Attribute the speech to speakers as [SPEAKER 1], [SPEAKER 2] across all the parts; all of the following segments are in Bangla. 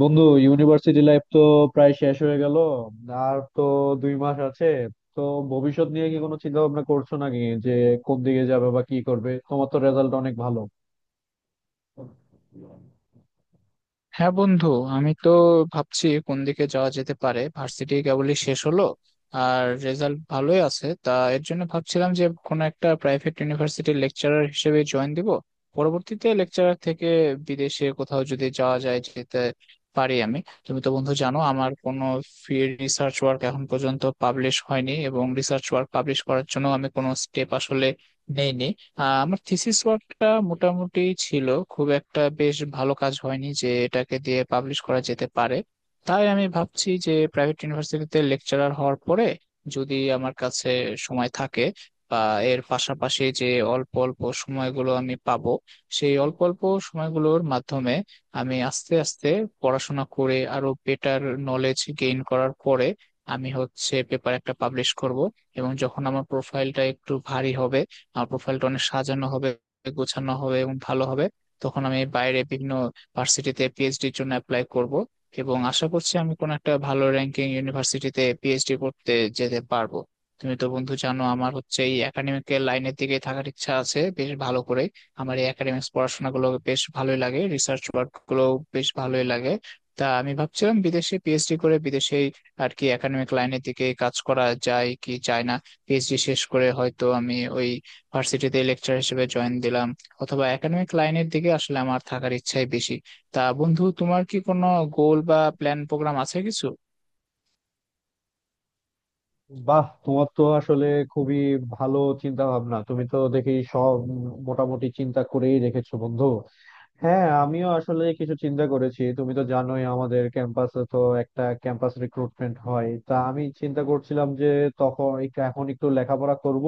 [SPEAKER 1] বন্ধু, ইউনিভার্সিটি লাইফ তো প্রায় শেষ হয়ে গেল। আর তো 2 মাস আছে। তো ভবিষ্যৎ নিয়ে কি কোনো চিন্তা ভাবনা করছো নাকি যে কোন দিকে যাবে বা কি করবে? তোমার তো রেজাল্ট অনেক ভালো।
[SPEAKER 2] হ্যাঁ, বন্ধু। আমি তো ভাবছি কোন দিকে যাওয়া যেতে পারে। ভার্সিটি কেবলই শেষ হলো আর রেজাল্ট ভালোই আছে, তা এর জন্য ভাবছিলাম যে কোনো একটা প্রাইভেট ইউনিভার্সিটির লেকচারার হিসেবে জয়েন দিব। পরবর্তীতে লেকচারার থেকে বিদেশে কোথাও যদি যাওয়া যায়, যেতে পারি আমি। তুমি তো বন্ধু জানো, আমার কোনো ফ্রি রিসার্চ ওয়ার্ক এখন পর্যন্ত পাবলিশ হয়নি, এবং রিসার্চ ওয়ার্ক পাবলিশ করার জন্য আমি কোনো স্টেপ আসলে নেইনি। আমার থিসিস ওয়ার্কটা মোটামুটি ছিল, খুব একটা বেশ ভালো কাজ হয়নি যে এটাকে দিয়ে পাবলিশ করা যেতে পারে। তাই আমি ভাবছি যে প্রাইভেট ইউনিভার্সিটিতে লেকচারার হওয়ার পরে যদি আমার কাছে সময় থাকে, বা এর পাশাপাশি যে অল্প অল্প সময়গুলো আমি পাবো, সেই অল্প অল্প সময়গুলোর মাধ্যমে আমি আস্তে আস্তে পড়াশোনা করে আরো বেটার নলেজ গেইন করার পরে আমি হচ্ছে পেপার একটা পাবলিশ করব। এবং যখন আমার প্রোফাইলটা একটু ভারী হবে, প্রোফাইলটা অনেক সাজানো হবে, গোছানো হবে এবং ভালো হবে, তখন আমি বাইরে বিভিন্ন ভার্সিটিতে পিএইচডির জন্য অ্যাপ্লাই করব। এবং আশা করছি আমি কোনো একটা ভালো র্যাঙ্কিং ইউনিভার্সিটিতে পিএইচডি করতে যেতে পারবো। তুমি তো বন্ধু জানো, আমার হচ্ছে এই একাডেমিক লাইনের দিকে থাকার ইচ্ছা আছে বেশ ভালো করে। আমার এই একাডেমিক্স পড়াশোনা গুলো বেশ ভালোই লাগে, রিসার্চ ওয়ার্ক গুলো বেশ ভালোই লাগে। তা আমি ভাবছিলাম, বিদেশে পিএইচডি করে বিদেশে আর কি একাডেমিক লাইনের দিকে কাজ করা যায় কি যায় না। পিএইচডি শেষ করে হয়তো আমি ওই ভার্সিটিতে লেকচার হিসেবে জয়েন দিলাম, অথবা একাডেমিক লাইনের দিকে আসলে আমার থাকার ইচ্ছাই বেশি। তা বন্ধু, তোমার কি কোনো গোল বা প্ল্যান প্রোগ্রাম আছে কিছু?
[SPEAKER 1] বাহ, তোমার তো আসলে খুবই ভালো চিন্তা ভাবনা। তুমি তো দেখি সব মোটামুটি চিন্তা করেই রেখেছো বন্ধু। হ্যাঁ, আমিও আসলে কিছু চিন্তা করেছি। তুমি তো জানোই আমাদের ক্যাম্পাসে তো একটা ক্যাম্পাস রিক্রুটমেন্ট হয়। তা আমি চিন্তা করছিলাম যে তখন এখন একটু লেখাপড়া করব,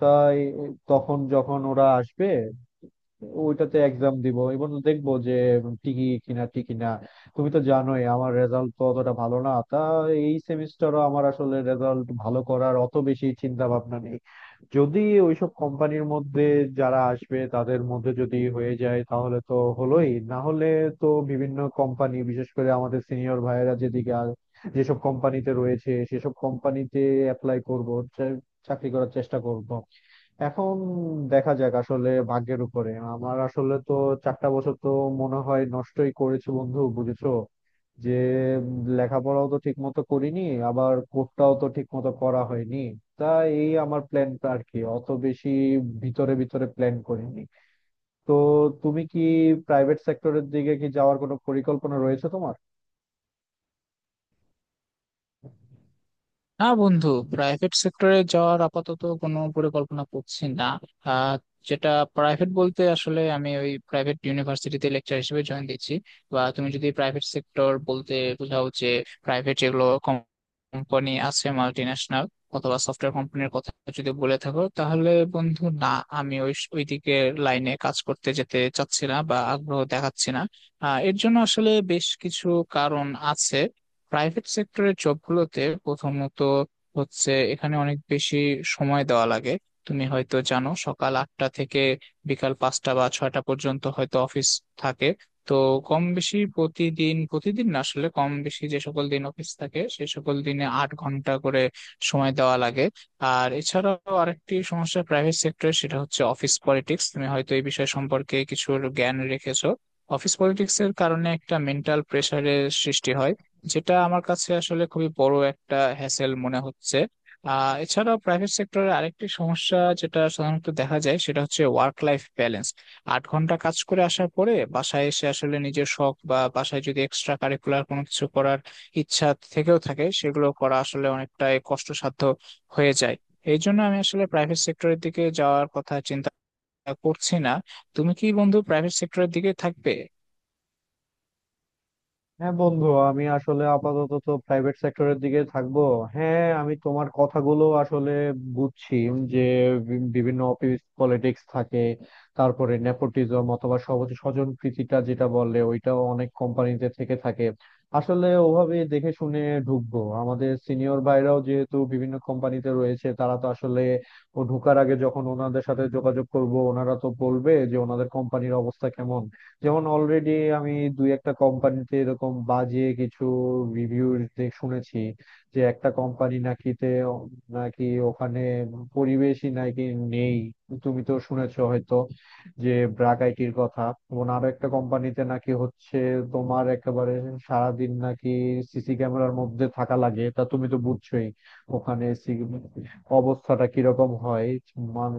[SPEAKER 1] তাই তখন যখন ওরা আসবে ওইটাতে এক্সাম দিব এবং দেখবো যে টিকি কিনা টিকি না। তুমি তো জানোই আমার রেজাল্ট তো অতটা ভালো না। তা এই সেমিস্টারও আমার আসলে রেজাল্ট ভালো করার অত বেশি চিন্তা ভাবনা নেই। যদি ওইসব কোম্পানির মধ্যে যারা আসবে তাদের মধ্যে যদি হয়ে যায় তাহলে তো হলোই, না হলে তো বিভিন্ন কোম্পানি, বিশেষ করে আমাদের সিনিয়র ভাইয়েরা যেসব কোম্পানিতে রয়েছে সেসব কোম্পানিতে অ্যাপ্লাই করব, চা- চাকরি করার চেষ্টা করব। এখন দেখা যাক, আসলে ভাগ্যের উপরে। আমার আসলে তো 4টা বছর তো মনে হয় নষ্টই করেছি বন্ধু, বুঝেছো? যে উম, লেখাপড়াও তো ঠিক মতো করিনি, আবার কোর্সটাও তো ঠিক মতো করা হয়নি। তা এই আমার প্ল্যানটা আর কি, অত বেশি ভিতরে ভিতরে প্ল্যান করিনি। তো তুমি কি প্রাইভেট সেক্টরের দিকে কি যাওয়ার কোনো পরিকল্পনা রয়েছে তোমার?
[SPEAKER 2] না বন্ধু, প্রাইভেট সেক্টরে যাওয়ার আপাতত কোনো পরিকল্পনা করছি না। আহ, যেটা প্রাইভেট বলতে আসলে আমি ওই প্রাইভেট ইউনিভার্সিটিতে লেকচার হিসেবে জয়েন দিচ্ছি। বা তুমি যদি প্রাইভেট সেক্টর বলতে বোঝাও যে প্রাইভেট যেগুলো কোম্পানি আছে, মাল্টি ন্যাশনাল অথবা সফটওয়্যার কোম্পানির কথা যদি বলে থাকো, তাহলে বন্ধু না, আমি ওই ওই দিকে লাইনে কাজ করতে যেতে চাচ্ছি না বা আগ্রহ দেখাচ্ছি না। এর জন্য আসলে বেশ কিছু কারণ আছে। প্রাইভেট সেক্টরের জবগুলোতে প্রথমত হচ্ছে এখানে অনেক বেশি সময় দেওয়া লাগে। তুমি হয়তো জানো, সকাল 8টা থেকে বিকাল 5টা বা 6টা পর্যন্ত হয়তো অফিস থাকে। তো কম বেশি প্রতিদিন, প্রতিদিন না আসলে কম বেশি যে সকল দিন অফিস থাকে সে সকল দিনে 8 ঘন্টা করে সময় দেওয়া লাগে। আর এছাড়াও আরেকটি সমস্যা প্রাইভেট সেক্টরে সেটা হচ্ছে অফিস পলিটিক্স। তুমি হয়তো এই বিষয় সম্পর্কে কিছু জ্ঞান রেখেছো। অফিস পলিটিক্স এর কারণে একটা মেন্টাল প্রেশারের সৃষ্টি হয়, যেটা আমার কাছে আসলে খুবই বড় একটা হ্যাসেল মনে হচ্ছে। আহ, এছাড়াও প্রাইভেট সেক্টরে আরেকটি সমস্যা যেটা সাধারণত দেখা যায় সেটা হচ্ছে ওয়ার্ক লাইফ ব্যালেন্স। 8 ঘন্টা কাজ করে আসার পরে বাসায় এসে আসলে নিজের শখ বা বাসায় যদি এক্সট্রা কারিকুলার কোনো কিছু করার ইচ্ছা থেকেও থাকে, সেগুলো করা আসলে অনেকটাই কষ্টসাধ্য হয়ে যায়। এই জন্য আমি আসলে প্রাইভেট সেক্টরের দিকে যাওয়ার কথা চিন্তা করছি না। তুমি কি বন্ধু প্রাইভেট সেক্টরের দিকে থাকবে?
[SPEAKER 1] হ্যাঁ বন্ধু, আমি আসলে আপাতত তো প্রাইভেট সেক্টরের দিকে থাকবো। হ্যাঁ, আমি তোমার কথাগুলো আসলে বুঝছি যে বিভিন্ন অফিস পলিটিক্স থাকে, তারপরে নেপোটিজম অথবা সহজ স্বজন প্রীতিটা যেটা বলে ওইটাও অনেক কোম্পানিতে থেকে থাকে। আসলে ওভাবে দেখে শুনে ঢুকবো। আমাদের সিনিয়র ভাইরাও যেহেতু বিভিন্ন কোম্পানিতে রয়েছে, তারা তো আসলে ও ঢোকার আগে যখন ওনাদের সাথে যোগাযোগ করব ওনারা তো বলবে যে ওনাদের কোম্পানির অবস্থা কেমন। যেমন অলরেডি আমি দুই একটা কোম্পানিতে এরকম বাজে কিছু রিভিউ শুনেছি যে একটা কোম্পানি নাকিতে নাকি ওখানে পরিবেশই নাকি নেই। তুমি তো শুনেছো হয়তো যে ব্র্যাক আইটির কথা। এবং আরো একটা কোম্পানিতে নাকি হচ্ছে তোমার একেবারে সারাদিন নাকি সিসি ক্যামেরার মধ্যে থাকা লাগে। তা তুমি তো বুঝছোই ওখানে অবস্থাটা কিরকম হয় মান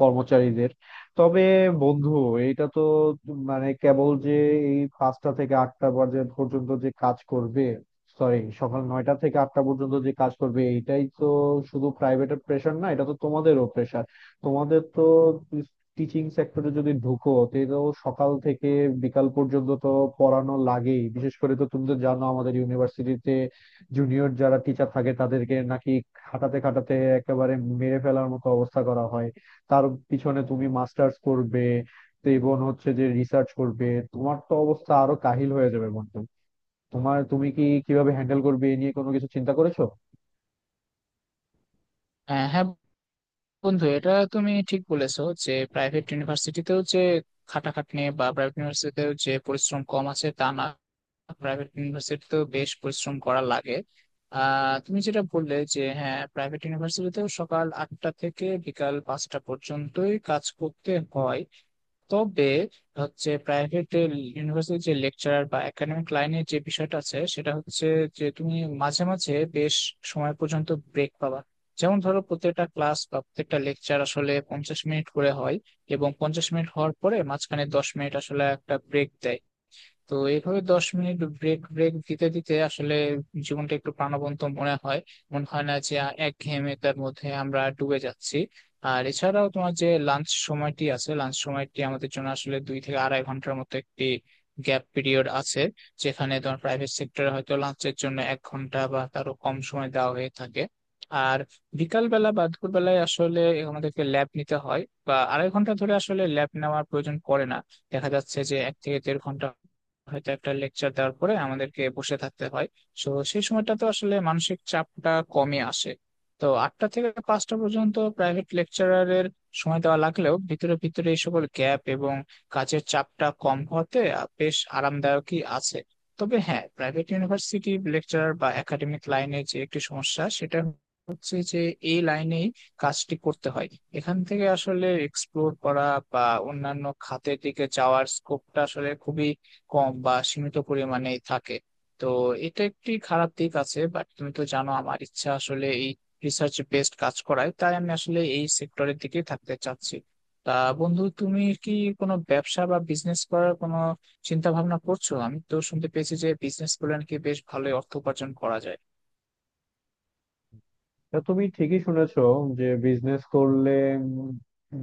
[SPEAKER 1] কর্মচারীদের। তবে বন্ধু, এটা তো মানে কেবল যে এই 5টা থেকে 8টা পর্যন্ত পর্যন্ত যে কাজ করবে, সরি সকাল 9টা থেকে 8টা পর্যন্ত যে কাজ করবে, এইটাই তো শুধু প্রাইভেটের প্রেশার না, এটা তো তোমাদেরও প্রেশার। তোমাদের তো টিচিং সেক্টরে যদি ঢুকো তো এটা তো সকাল থেকে বিকাল পর্যন্ত তো পড়ানো লাগেই। বিশেষ করে তো তুমি তো জানো আমাদের ইউনিভার্সিটিতে জুনিয়র যারা টিচার থাকে তাদেরকে নাকি খাটাতে খাটাতে একেবারে মেরে ফেলার মতো অবস্থা করা হয়। তার পিছনে তুমি মাস্টার্স করবে তো, এবং হচ্ছে যে রিসার্চ করবে, তোমার তো অবস্থা আরো কাহিল হয়ে যাবে বন্ধু। তোমার তুমি কি কিভাবে হ্যান্ডেল করবে এ নিয়ে কোনো কিছু চিন্তা করেছো?
[SPEAKER 2] হ্যাঁ বন্ধু, এটা তুমি ঠিক বলেছো যে প্রাইভেট ইউনিভার্সিটিতেও যে খাটাখাটনি বা প্রাইভেট ইউনিভার্সিটিতেও যে পরিশ্রম কম আছে তা না, প্রাইভেট ইউনিভার্সিটিতেও বেশ পরিশ্রম করা লাগে। আহ, তুমি যেটা বললে যে হ্যাঁ, প্রাইভেট ইউনিভার্সিটিতেও সকাল 8টা থেকে বিকাল পাঁচটা পর্যন্তই কাজ করতে হয়। তবে হচ্ছে প্রাইভেট ইউনিভার্সিটির যে লেকচারার বা একাডেমিক লাইনের যে বিষয়টা আছে সেটা হচ্ছে যে তুমি মাঝে মাঝে বেশ সময় পর্যন্ত ব্রেক পাবা। যেমন ধরো, প্রত্যেকটা ক্লাস বা প্রত্যেকটা লেকচার আসলে 50 মিনিট করে হয়, এবং 50 মিনিট হওয়ার পরে মাঝখানে 10 মিনিট আসলে একটা ব্রেক দেয়। তো এইভাবে 10 মিনিট ব্রেক ব্রেক দিতে দিতে আসলে জীবনটা একটু প্রাণবন্ত মনে হয়। মনে হয় না যে একঘেয়েমিতার মধ্যে আমরা ডুবে যাচ্ছি। আর এছাড়াও তোমার যে লাঞ্চ সময়টি আছে, লাঞ্চ সময়টি আমাদের জন্য আসলে 2 থেকে আড়াই ঘন্টার মতো একটি গ্যাপ পিরিয়ড আছে, যেখানে তোমার প্রাইভেট সেক্টরে হয়তো লাঞ্চের জন্য 1 ঘন্টা বা তারও কম সময় দেওয়া হয়ে থাকে। আর বিকাল বেলা বা দুপুর বেলায় আসলে আমাদেরকে ল্যাব নিতে হয়, বা আড়াই ঘন্টা ধরে আসলে ল্যাব নেওয়ার প্রয়োজন পড়ে না। দেখা যাচ্ছে যে এক থেকে দেড় ঘন্টা হয়তো একটা লেকচার দেওয়ার পরে আমাদেরকে বসে থাকতে হয়। তো সেই সময়টা তো আসলে মানসিক চাপটা কমে আসে। তো 8টা থেকে 5টা পর্যন্ত প্রাইভেট লেকচারারের সময় দেওয়া লাগলেও, ভিতরে ভিতরে এই সকল গ্যাপ এবং কাজের চাপটা কম হতে বেশ আরামদায়কই আছে। তবে হ্যাঁ, প্রাইভেট ইউনিভার্সিটি লেকচারার বা একাডেমিক লাইনে যে একটি সমস্যা, সেটা হচ্ছে যে এই লাইনেই কাজটি করতে হয়। এখান থেকে আসলে এক্সপ্লোর করা বা অন্যান্য খাতের দিকে যাওয়ার স্কোপটা আসলে খুবই কম বা সীমিত পরিমাণেই থাকে। তো এটা একটি খারাপ দিক আছে, বাট তুমি তো জানো আমার ইচ্ছা আসলে এই রিসার্চ বেসড কাজ করায়, তাই আমি আসলে এই সেক্টরের দিকে থাকতে চাচ্ছি। তা বন্ধু, তুমি কি কোনো ব্যবসা বা বিজনেস করার কোনো চিন্তা ভাবনা করছো? আমি তো শুনতে পেয়েছি যে বিজনেস করলে নাকি বেশ ভালোই অর্থ উপার্জন করা যায়।
[SPEAKER 1] তা তুমি ঠিকই শুনেছো যে বিজনেস করলে উম,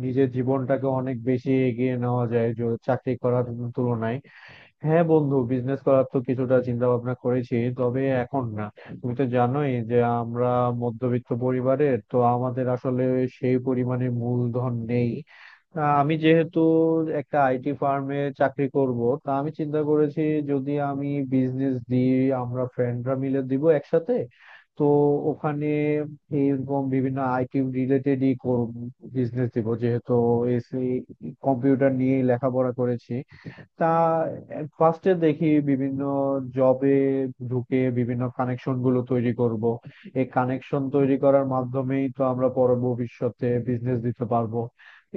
[SPEAKER 1] নিজের জীবনটাকে অনেক বেশি এগিয়ে নেওয়া যায় চাকরি করার তুলনায়। হ্যাঁ বন্ধু, বিজনেস করার তো কিছুটা চিন্তা ভাবনা করেছি, তবে এখন না। তুমি তো জানোই যে আমরা মধ্যবিত্ত পরিবারের, তো আমাদের আসলে সেই পরিমাণে মূলধন নেই। আমি যেহেতু একটা আইটি ফার্মে চাকরি করব তা আমি চিন্তা করেছি যদি আমি বিজনেস দিই, আমরা ফ্রেন্ডরা মিলে দিব একসাথে। তো ওখানে এইরকম বিভিন্ন আইটি রিলেটেডই বিজনেস দিব, যেহেতু এসি কম্পিউটার নিয়ে লেখাপড়া করেছি। তা ফার্স্টে দেখি বিভিন্ন জবে ঢুকে বিভিন্ন কানেকশন গুলো তৈরি করব। এই কানেকশন তৈরি করার মাধ্যমেই তো আমরা পরে ভবিষ্যতে বিজনেস দিতে পারবো।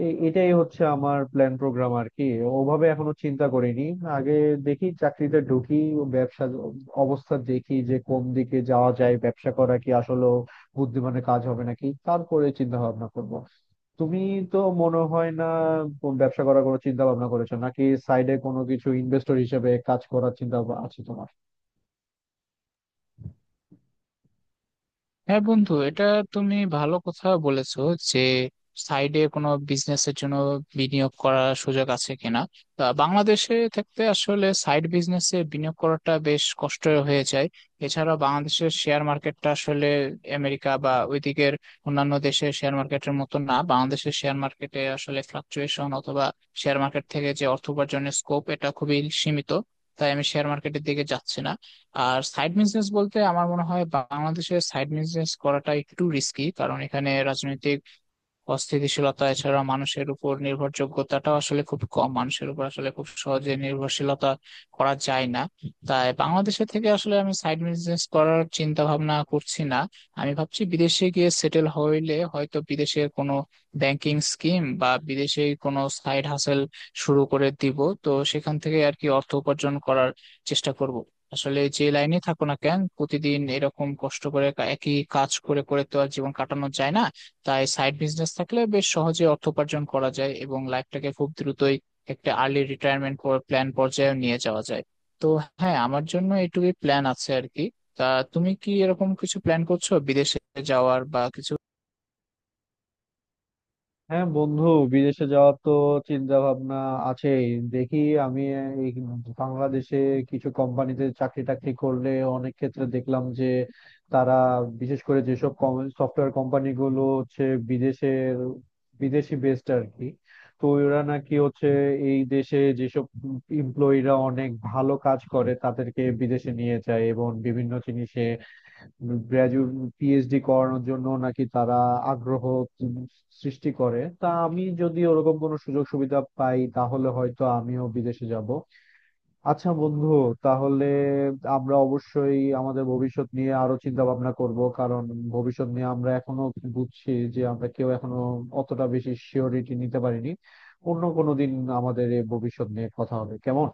[SPEAKER 1] এটাই হচ্ছে আমার প্ল্যান প্রোগ্রাম আর কি, ওভাবে এখনো চিন্তা করিনি। আগে দেখি চাকরিতে ঢুকি, ব্যবসা অবস্থা দেখি যে কোন দিকে যাওয়া যায়, ব্যবসা করা কি আসলে বুদ্ধিমানের কাজ হবে নাকি, তারপরে চিন্তা ভাবনা করবো। তুমি তো মনে হয় না কোন ব্যবসা করার কোনো চিন্তা ভাবনা করেছো নাকি সাইডে কোনো কিছু ইনভেস্টর হিসেবে কাজ করার চিন্তা ভাবনা আছে তোমার?
[SPEAKER 2] হ্যাঁ বন্ধু, এটা তুমি ভালো কথা বলেছো যে সাইডে কোনো বিজনেসের জন্য বিনিয়োগ করার সুযোগ আছে কিনা। তা বাংলাদেশে থাকতে আসলে সাইড বিজনেসে বিনিয়োগ করাটা বেশ কষ্ট হয়ে যায়। এছাড়া বাংলাদেশের শেয়ার মার্কেটটা আসলে আমেরিকা বা ওইদিকের অন্যান্য দেশের শেয়ার মার্কেটের মতো না। বাংলাদেশের শেয়ার মার্কেটে আসলে ফ্লাকচুয়েশন অথবা শেয়ার মার্কেট থেকে যে অর্থ উপার্জনের স্কোপ, এটা খুবই সীমিত। তাই আমি শেয়ার মার্কেটের দিকে যাচ্ছি না। আর সাইড বিজনেস বলতে আমার মনে হয় বাংলাদেশে সাইড বিজনেস করাটা একটু রিস্কি, কারণ এখানে রাজনৈতিক অস্থিতিশীলতা। এছাড়া মানুষের উপর নির্ভরযোগ্যতাটাও আসলে খুব কম, মানুষের উপর আসলে খুব সহজে নির্ভরশীলতা করা যায় না। তাই বাংলাদেশে থেকে আসলে আমি সাইড বিজনেস করার চিন্তা ভাবনা করছি না। আমি ভাবছি বিদেশে গিয়ে সেটেল হইলে হয়তো বিদেশের কোনো ব্যাংকিং স্কিম বা বিদেশে কোনো সাইড হাসেল শুরু করে দিব। তো সেখান থেকে আর কি অর্থ উপার্জন করার চেষ্টা করব। আসলে যে লাইনে থাকো না কেন, প্রতিদিন এরকম কষ্ট করে একই কাজ করে করে তো আর জীবন কাটানো যায় না। তাই সাইড বিজনেস থাকলে বেশ সহজে অর্থ উপার্জন করা যায় এবং লাইফটাকে খুব দ্রুতই একটা আর্লি রিটায়ারমেন্ট প্ল্যান পর্যায়ে নিয়ে যাওয়া যায়। তো হ্যাঁ, আমার জন্য এটুকুই প্ল্যান আছে আর কি। তা তুমি কি এরকম কিছু প্ল্যান করছো বিদেশে যাওয়ার বা কিছু?
[SPEAKER 1] হ্যাঁ বন্ধু, বিদেশে যাওয়ার তো চিন্তা ভাবনা আছেই। দেখি, আমি এই বাংলাদেশে কিছু কোম্পানিতে চাকরি টাকরি করলে অনেক ক্ষেত্রে দেখলাম যে তারা, বিশেষ করে যেসব সফটওয়্যার কোম্পানি গুলো হচ্ছে বিদেশের, বিদেশি বেসড আর কি, তো ওরা নাকি হচ্ছে এই দেশে যেসব এমপ্লয়িরা অনেক ভালো কাজ করে তাদেরকে বিদেশে নিয়ে যায় এবং বিভিন্ন জিনিসে গ্রাজুয়েট পিএইচডি করানোর জন্য নাকি তারা আগ্রহ সৃষ্টি করে। তা আমি যদি ওরকম কোনো সুযোগ সুবিধা পাই তাহলে হয়তো আমিও বিদেশে যাব। আচ্ছা বন্ধু, তাহলে আমরা অবশ্যই আমাদের ভবিষ্যৎ নিয়ে আরো চিন্তা ভাবনা করব, কারণ ভবিষ্যৎ নিয়ে আমরা এখনো বুঝছি যে আমরা কেউ এখনো অতটা বেশি সিওরিটি নিতে পারিনি। অন্য কোনো দিন আমাদের এই ভবিষ্যৎ নিয়ে কথা হবে, কেমন?